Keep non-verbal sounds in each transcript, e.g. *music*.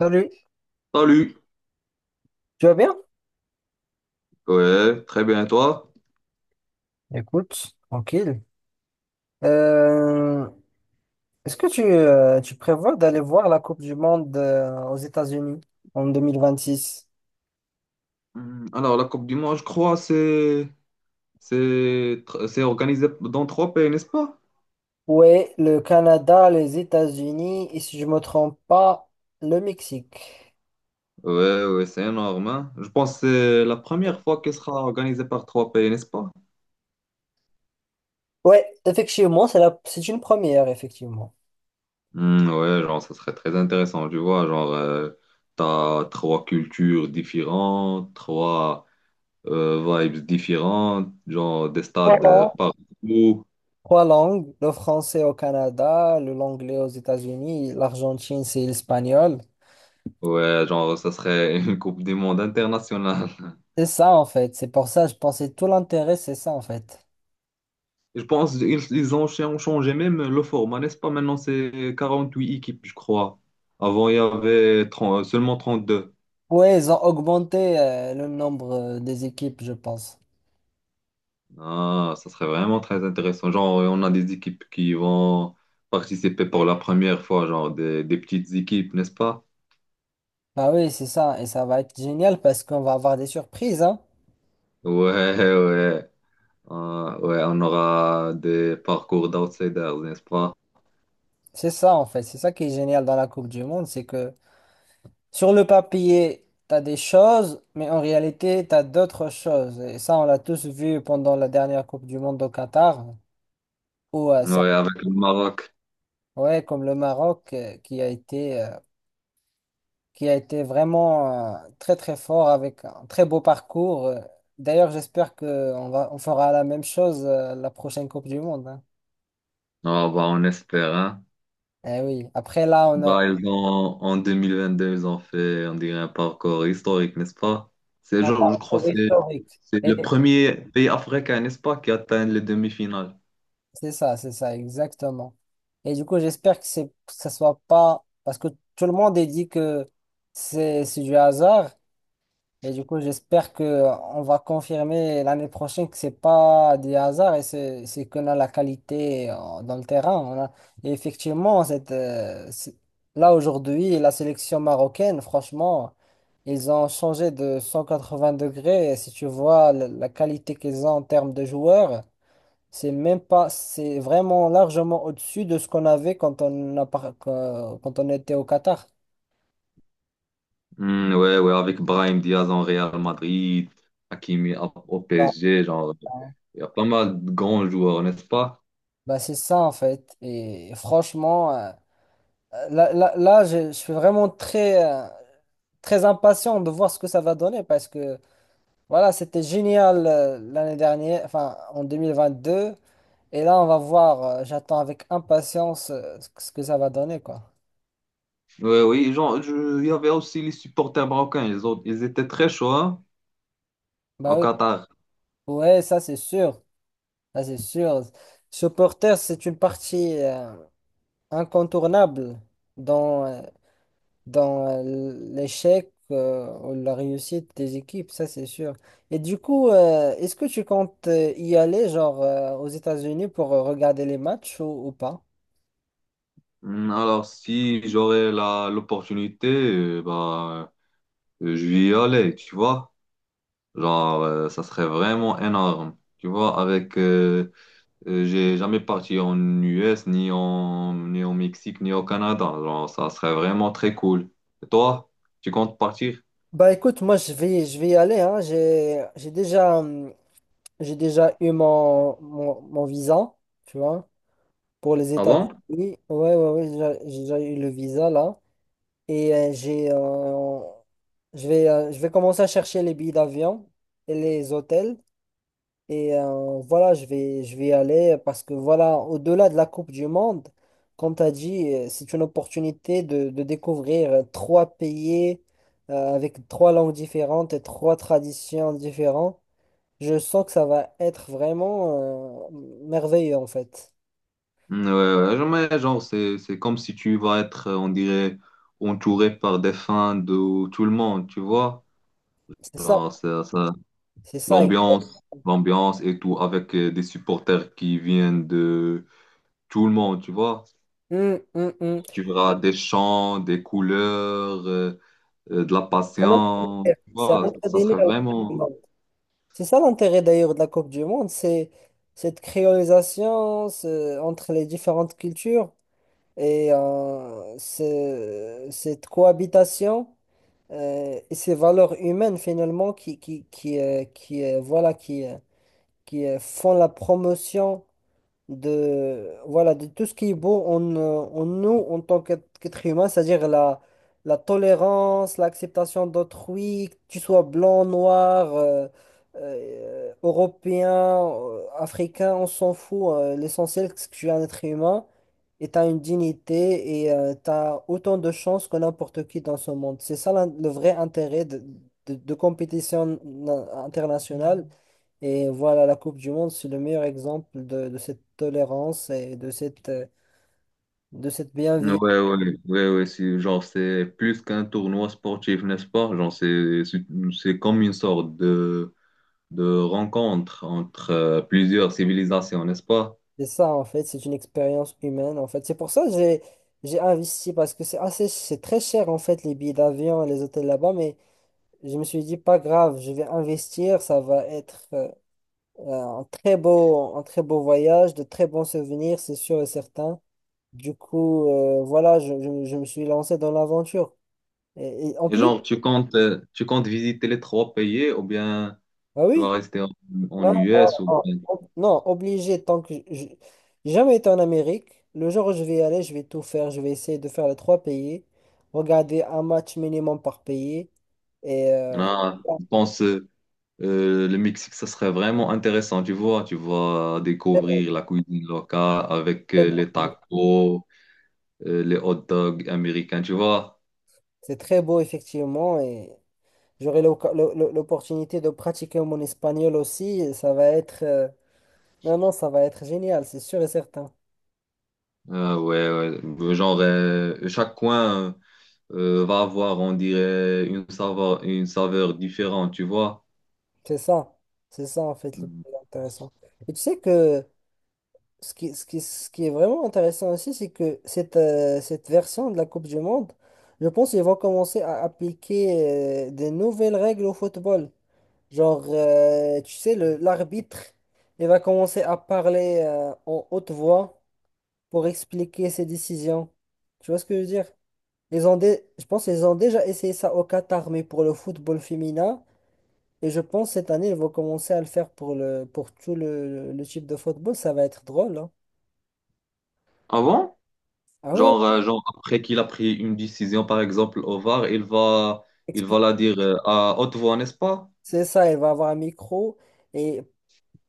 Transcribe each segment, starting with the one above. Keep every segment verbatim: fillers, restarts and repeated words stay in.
Salut, Salut. tu vas bien? Ouais, très bien, et toi? Écoute, tranquille. Euh, Est-ce que tu, euh, tu prévois d'aller voir la Coupe du Monde euh, aux États-Unis en deux mille vingt-six? Hum, Alors, la Coupe du Monde, je crois, c'est c'est tr- c'est organisé dans trois pays, n'est-ce pas? Oui, le Canada, les États-Unis et si je me trompe pas, le Mexique. Ouais, ouais, c'est énorme, hein. Je pense que c'est la première fois qu'elle sera organisée par trois pays, n'est-ce pas? Ouais, effectivement, c'est la, c'est une première, effectivement. Hum, ouais, genre, ça serait très intéressant, tu vois. Genre, euh, t'as trois cultures différentes, trois euh, vibes différentes, genre des Trois stades euh, langues. partout. Trois langues, le français au Canada, le l'anglais aux États-Unis, l'Argentine, c'est l'espagnol. Ouais, genre, ça serait une Coupe du Monde internationale. C'est ça, en fait. C'est pour ça, je pensais tout l'intérêt, c'est ça, en fait. Je pense qu'ils ils ont ch- ont changé même le format, n'est-ce pas? Maintenant, c'est quarante-huit équipes, je crois. Avant, il y avait trente seulement deux. Ouais, ils ont augmenté euh, le nombre euh, des équipes, je pense. Ah, ça serait vraiment très intéressant. Genre, euh, on a des équipes qui vont participer pour la première fois, genre des, des petites équipes, n'est-ce pas? Bah oui, c'est ça. Et ça va être génial parce qu'on va avoir des surprises, hein. Ouais, *laughs* ouais. Ah, ouais, on aura des parcours d'outsiders, n'est-ce pas? C'est ça, en fait. C'est ça qui est génial dans la Coupe du Monde, c'est que sur le papier, t'as des choses, mais en réalité, t'as d'autres choses. Et ça, on l'a tous vu pendant la dernière Coupe du Monde au Qatar, où euh, cer- Ouais, avec le Maroc. ouais, comme le Maroc, euh, qui a été euh, qui a été vraiment euh, très très fort avec un très beau parcours. Euh, D'ailleurs, j'espère qu'on va, on fera la même chose euh, la prochaine Coupe du Monde. hein. Ah, bah, on espère, hein. Eh oui, après là, on a Bah, ils ont, en deux mille vingt-deux, ils ont fait, on dirait, un parcours historique, n'est-ce pas? C'est, un genre, je crois parcours que c'est historique. c'est Et le premier pays africain, n'est-ce pas, qui atteint les demi-finales. c'est ça, c'est ça, exactement. Et du coup, j'espère que c'est, que ça soit pas, parce que tout le monde est dit que c'est c'est du hasard. Et du coup, j'espère que euh, on va confirmer l'année prochaine que c'est pas des hasards et c'est c'est qu'on a la qualité euh, dans le terrain. On a... Et effectivement, cette, euh, c'est- là aujourd'hui, la sélection marocaine, franchement, ils ont changé de cent quatre-vingts degrés. Et si tu vois la, la qualité qu'ils ont en termes de joueurs, c'est même pas, c'est vraiment largement au-dessus de ce qu'on avait quand on a, par- quand quand on était au Qatar. Hmm, ouais, ouais, avec Brahim Diaz en Real Madrid, Hakimi à- au Ah, P S G, genre, il y a pas mal de grands joueurs, n'est-ce pas? bah c'est ça en fait. Et franchement. euh, Là, là, là, je, je suis vraiment très, euh, très impatient de voir ce que ça va donner parce que voilà, c'était génial euh, l'année dernière, enfin en deux mille vingt-deux. Et là, on va voir, euh, j'attends avec impatience euh, ce que ce que ça va donner, quoi. Ouais, oui, genre, je- il y avait aussi les supporters marocains, ils ont, ils étaient très chauds, hein, Bah au oui, Qatar. ouais, ça c'est sûr, ça c'est sûr. Supporter, c'est une partie euh, incontournable dans, euh, dans euh, l'échec euh, ou la réussite des équipes, ça c'est sûr. Et du coup, euh, est-ce que tu comptes euh, y aller, genre euh, aux États-Unis pour euh, regarder les matchs ou, ou pas? Hmm, Alors, si j'aurais la, l'opportunité, euh, bah, euh, je vais y aller, tu vois. Genre, euh, ça serait vraiment énorme. Tu vois, avec, euh, euh, j'ai jamais parti en U S, ni en, ni au Mexique, ni au Canada. Genre, ça serait vraiment très cool. Et toi, tu comptes partir? Bah écoute, moi je vais, je vais y aller, hein. J'ai, j'ai déjà, hum, j'ai déjà eu mon, mon, mon visa, tu vois, pour les Ah bon? États-Unis. Ouais, ouais, ouais, j'ai j'ai déjà eu le visa là. Et euh, j'ai, euh, je vais, euh, je vais commencer à chercher les billets d'avion et les hôtels. Et euh, voilà, je vais, je vais y aller parce que voilà, au-delà de la Coupe du Monde, comme tu as dit, euh, c'est une opportunité de, de découvrir euh, trois pays euh, avec trois langues différentes et trois traditions différentes. Je sens que ça va être vraiment euh, merveilleux en fait. Mm, Ouais, ouais, jamais, genre, c'est, c'est comme si tu vas être, euh, on dirait, entouré par des fans de tout le monde, tu vois? C'est ça, Genre, ça, ça- c'est ça. l'ambiance, l'ambiance et tout, avec euh, des supporters qui viennent de tout le monde, tu vois? Hum, hum, hum. Tu verras des champs, des couleurs, euh, euh, de la C'est un autre patience, tu c'est un vois, autre ça délire, serait la Coupe du vraiment. Monde. C'est ça l'intérêt d'ailleurs de la Coupe du Monde, c'est cette créolisation ce- entre les différentes cultures. et euh, ce- cette cohabitation euh, et ces valeurs humaines finalement qui, qui, qui, euh, qui, euh, voilà, qui, euh, qui euh, font la promotion de, voilà, de tout ce qui est beau en, euh, en nous en tant qu'être qu'être humain, c'est-à-dire la, la tolérance, l'acceptation d'autrui, que tu sois blanc, noir, euh, euh, européen, euh, africain, on s'en fout. euh, l'essentiel, c'est que tu es un être humain et tu as une dignité et tu as autant de chances que n'importe qui dans ce monde. C'est ça l'in- le vrai intérêt de, de, de compétition na- internationale et voilà, la Coupe du Monde, c'est le meilleur exemple de, de cette tolérance et de cette, euh, de cette bienveillance. Ouais, ouais, ouais, ouais, c'est, genre, c'est plus qu'un tournoi sportif, n'est-ce pas? Genre, c'est, c'est c'est comme une sorte de, de rencontre entre euh, plusieurs civilisations, n'est-ce pas? C'est ça, en fait, c'est une expérience humaine, en fait. C'est pour ça que j'ai, j'ai investi, parce que c'est assez, c'est très cher, en fait, les billets d'avion et les hôtels là-bas, mais je me suis dit, pas grave, je vais investir, ça va être euh, euh, un très beau, un très beau voyage, de très bons souvenirs, c'est sûr et certain. Du coup, euh, voilà, je, je, je me suis lancé dans l'aventure. Et, et en Et plus, genre, tu comptes, euh, tu comptes visiter les trois pays ou bien ah tu oui. vas rester en, en Non, non, U S ou non, bien. ob- non, obligé, tant que j'ai j'ai jamais été en Amérique, le jour où je vais y aller, je vais tout faire, je vais essayer de faire les trois pays, regarder un match minimum par pays, et euh, Ah, je pense, euh, Euh, le Mexique, ça serait vraiment intéressant, tu vois. Tu vas découvrir la cuisine locale avec c'est très euh, les beau, tacos, euh, les hot dogs américains, tu vois. c'est très beau, effectivement, et j'aurai l'oc- l'o- l'o- l'opportunité de pratiquer mon espagnol aussi, et ça va être, euh, non, non, ça va être génial, c'est sûr et certain, Euh, ouais, ouais. Genre, euh, chaque coin euh, va avoir, on dirait, une saveur, une saveur différente, tu vois. c'est ça, c'est ça en fait le Mhm. plus intéressant. Et tu sais que Ce qui, ce qui, ce qui est vraiment intéressant aussi, c'est que cette, euh, cette version de la Coupe du Monde, je pense qu'ils vont commencer à appliquer euh, des nouvelles règles au football. Genre, euh, tu sais, le, l'arbitre, il va commencer à parler euh, en haute voix pour expliquer ses décisions. Tu vois ce que je veux dire? Ils ont dé- Je pense qu'ils ont déjà essayé ça au Qatar, mais pour le football féminin. Et je pense cette année, ils vont commencer à le faire pour le, pour tout le, le type de football. Ça va être drôle, hein. Ah bon, Ah, ouais. genre, euh, genre, après qu'il a pris une décision, par exemple, au V A R, il va, il Expli- va la dire euh, à haute voix, n'est-ce pas? C'est ça, elle va avoir un micro et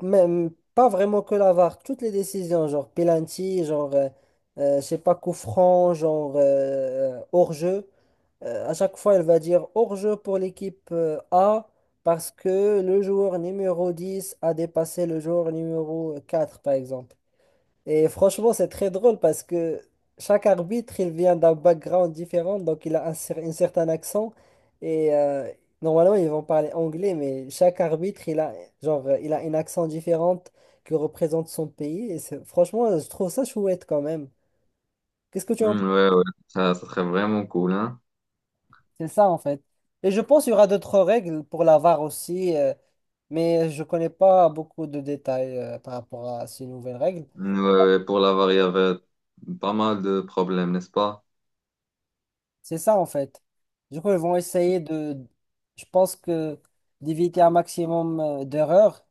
même pas vraiment que la V A R, toutes les décisions, genre penalty, genre, euh, euh, je sais pas, coup franc, genre euh, hors-jeu. Euh, à chaque fois, elle va dire hors-jeu pour l'équipe euh, A parce que le joueur numéro dix a dépassé le joueur numéro quatre, par exemple. Et franchement, c'est très drôle parce que chaque arbitre, il vient d'un background différent, donc il a un, cer- un certain accent. Et euh, normalement, ils vont parler anglais, mais chaque arbitre, il a, genre, euh, il a un accent différent qui représente son pays. Et c'est- franchement, je trouve ça chouette quand même. Qu'est-ce que tu en Mhm, penses? ouais, ouais, ça, ça serait vraiment cool, hein. C'est ça, en fait. Et je pense qu'il y aura d'autres règles pour la V A R aussi, euh, mais je connais pas beaucoup de détails euh, par rapport à ces nouvelles règles. Ouais, pour l'avare, il y avait pas mal de problèmes, n'est-ce pas? C'est ça en fait. Du coup, ils vont essayer de, je pense que d'éviter un maximum euh, d'erreurs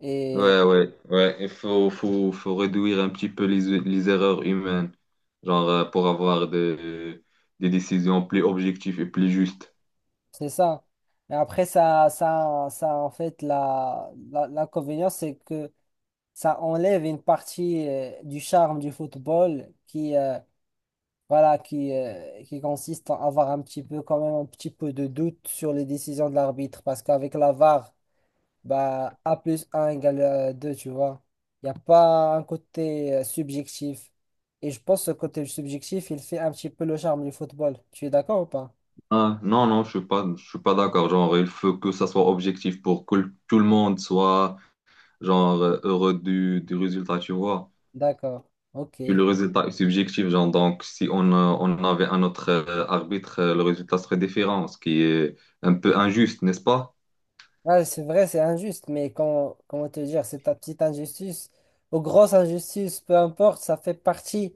et Ouais, ouais, ouais. Il faut, faut, faut réduire un petit peu les, les erreurs humaines, genre euh, pour avoir des, des décisions plus objectives et plus justes. c'est ça. Et après, ça, ça, ça en fait, la, la- l'inconvénient, c'est que ça enlève une partie euh, du charme du football qui, euh, voilà, qui, euh, qui consiste à avoir un petit peu, quand même, un petit peu de doute sur les décisions de l'arbitre parce qu'avec la V A R, bah, A plus un égale euh, deux, tu vois. Il n'y a pas un côté euh, subjectif. Et je pense que ce côté subjectif, il fait un petit peu le charme du football. Tu es d'accord ou pas? Ah, non, non, je suis pas, je suis pas d'accord. Genre, il faut que ça soit objectif pour que tout le monde soit genre euh, heureux du, du résultat, tu vois. D'accord. Ok. Puis le résultat est subjectif, genre, donc si on, euh, on avait un autre euh, arbitre, euh, le résultat serait différent, ce qui est un peu injuste, n'est-ce pas? Ouais, c'est vrai, c'est injuste, mais comment, comment te dire, c'est ta petite injustice ou grosse injustice, peu importe, ça fait partie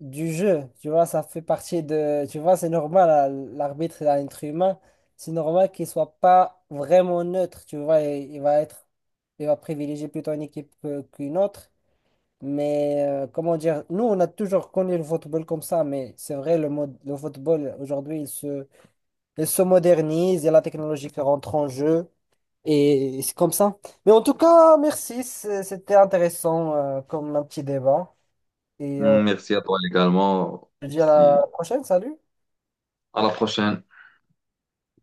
du jeu. Tu vois, ça fait partie de. Tu vois, c'est normal, à- l'arbitre est un être humain. C'est normal qu'il soit pas vraiment neutre. Tu vois, il, il va être. Il va privilégier plutôt une équipe que- qu'une autre. Mais euh, comment dire, nous, on a toujours connu le football comme ça. Mais c'est vrai, le, mode, le football, aujourd'hui, il se, il se modernise. Il y a la technologie qui rentre en jeu. Et c'est comme ça. Mais en tout cas, merci. c'est- C'était intéressant euh, comme un petit débat. Et euh, Merci à toi également. je te dis à Si... la prochaine. Salut. À la prochaine.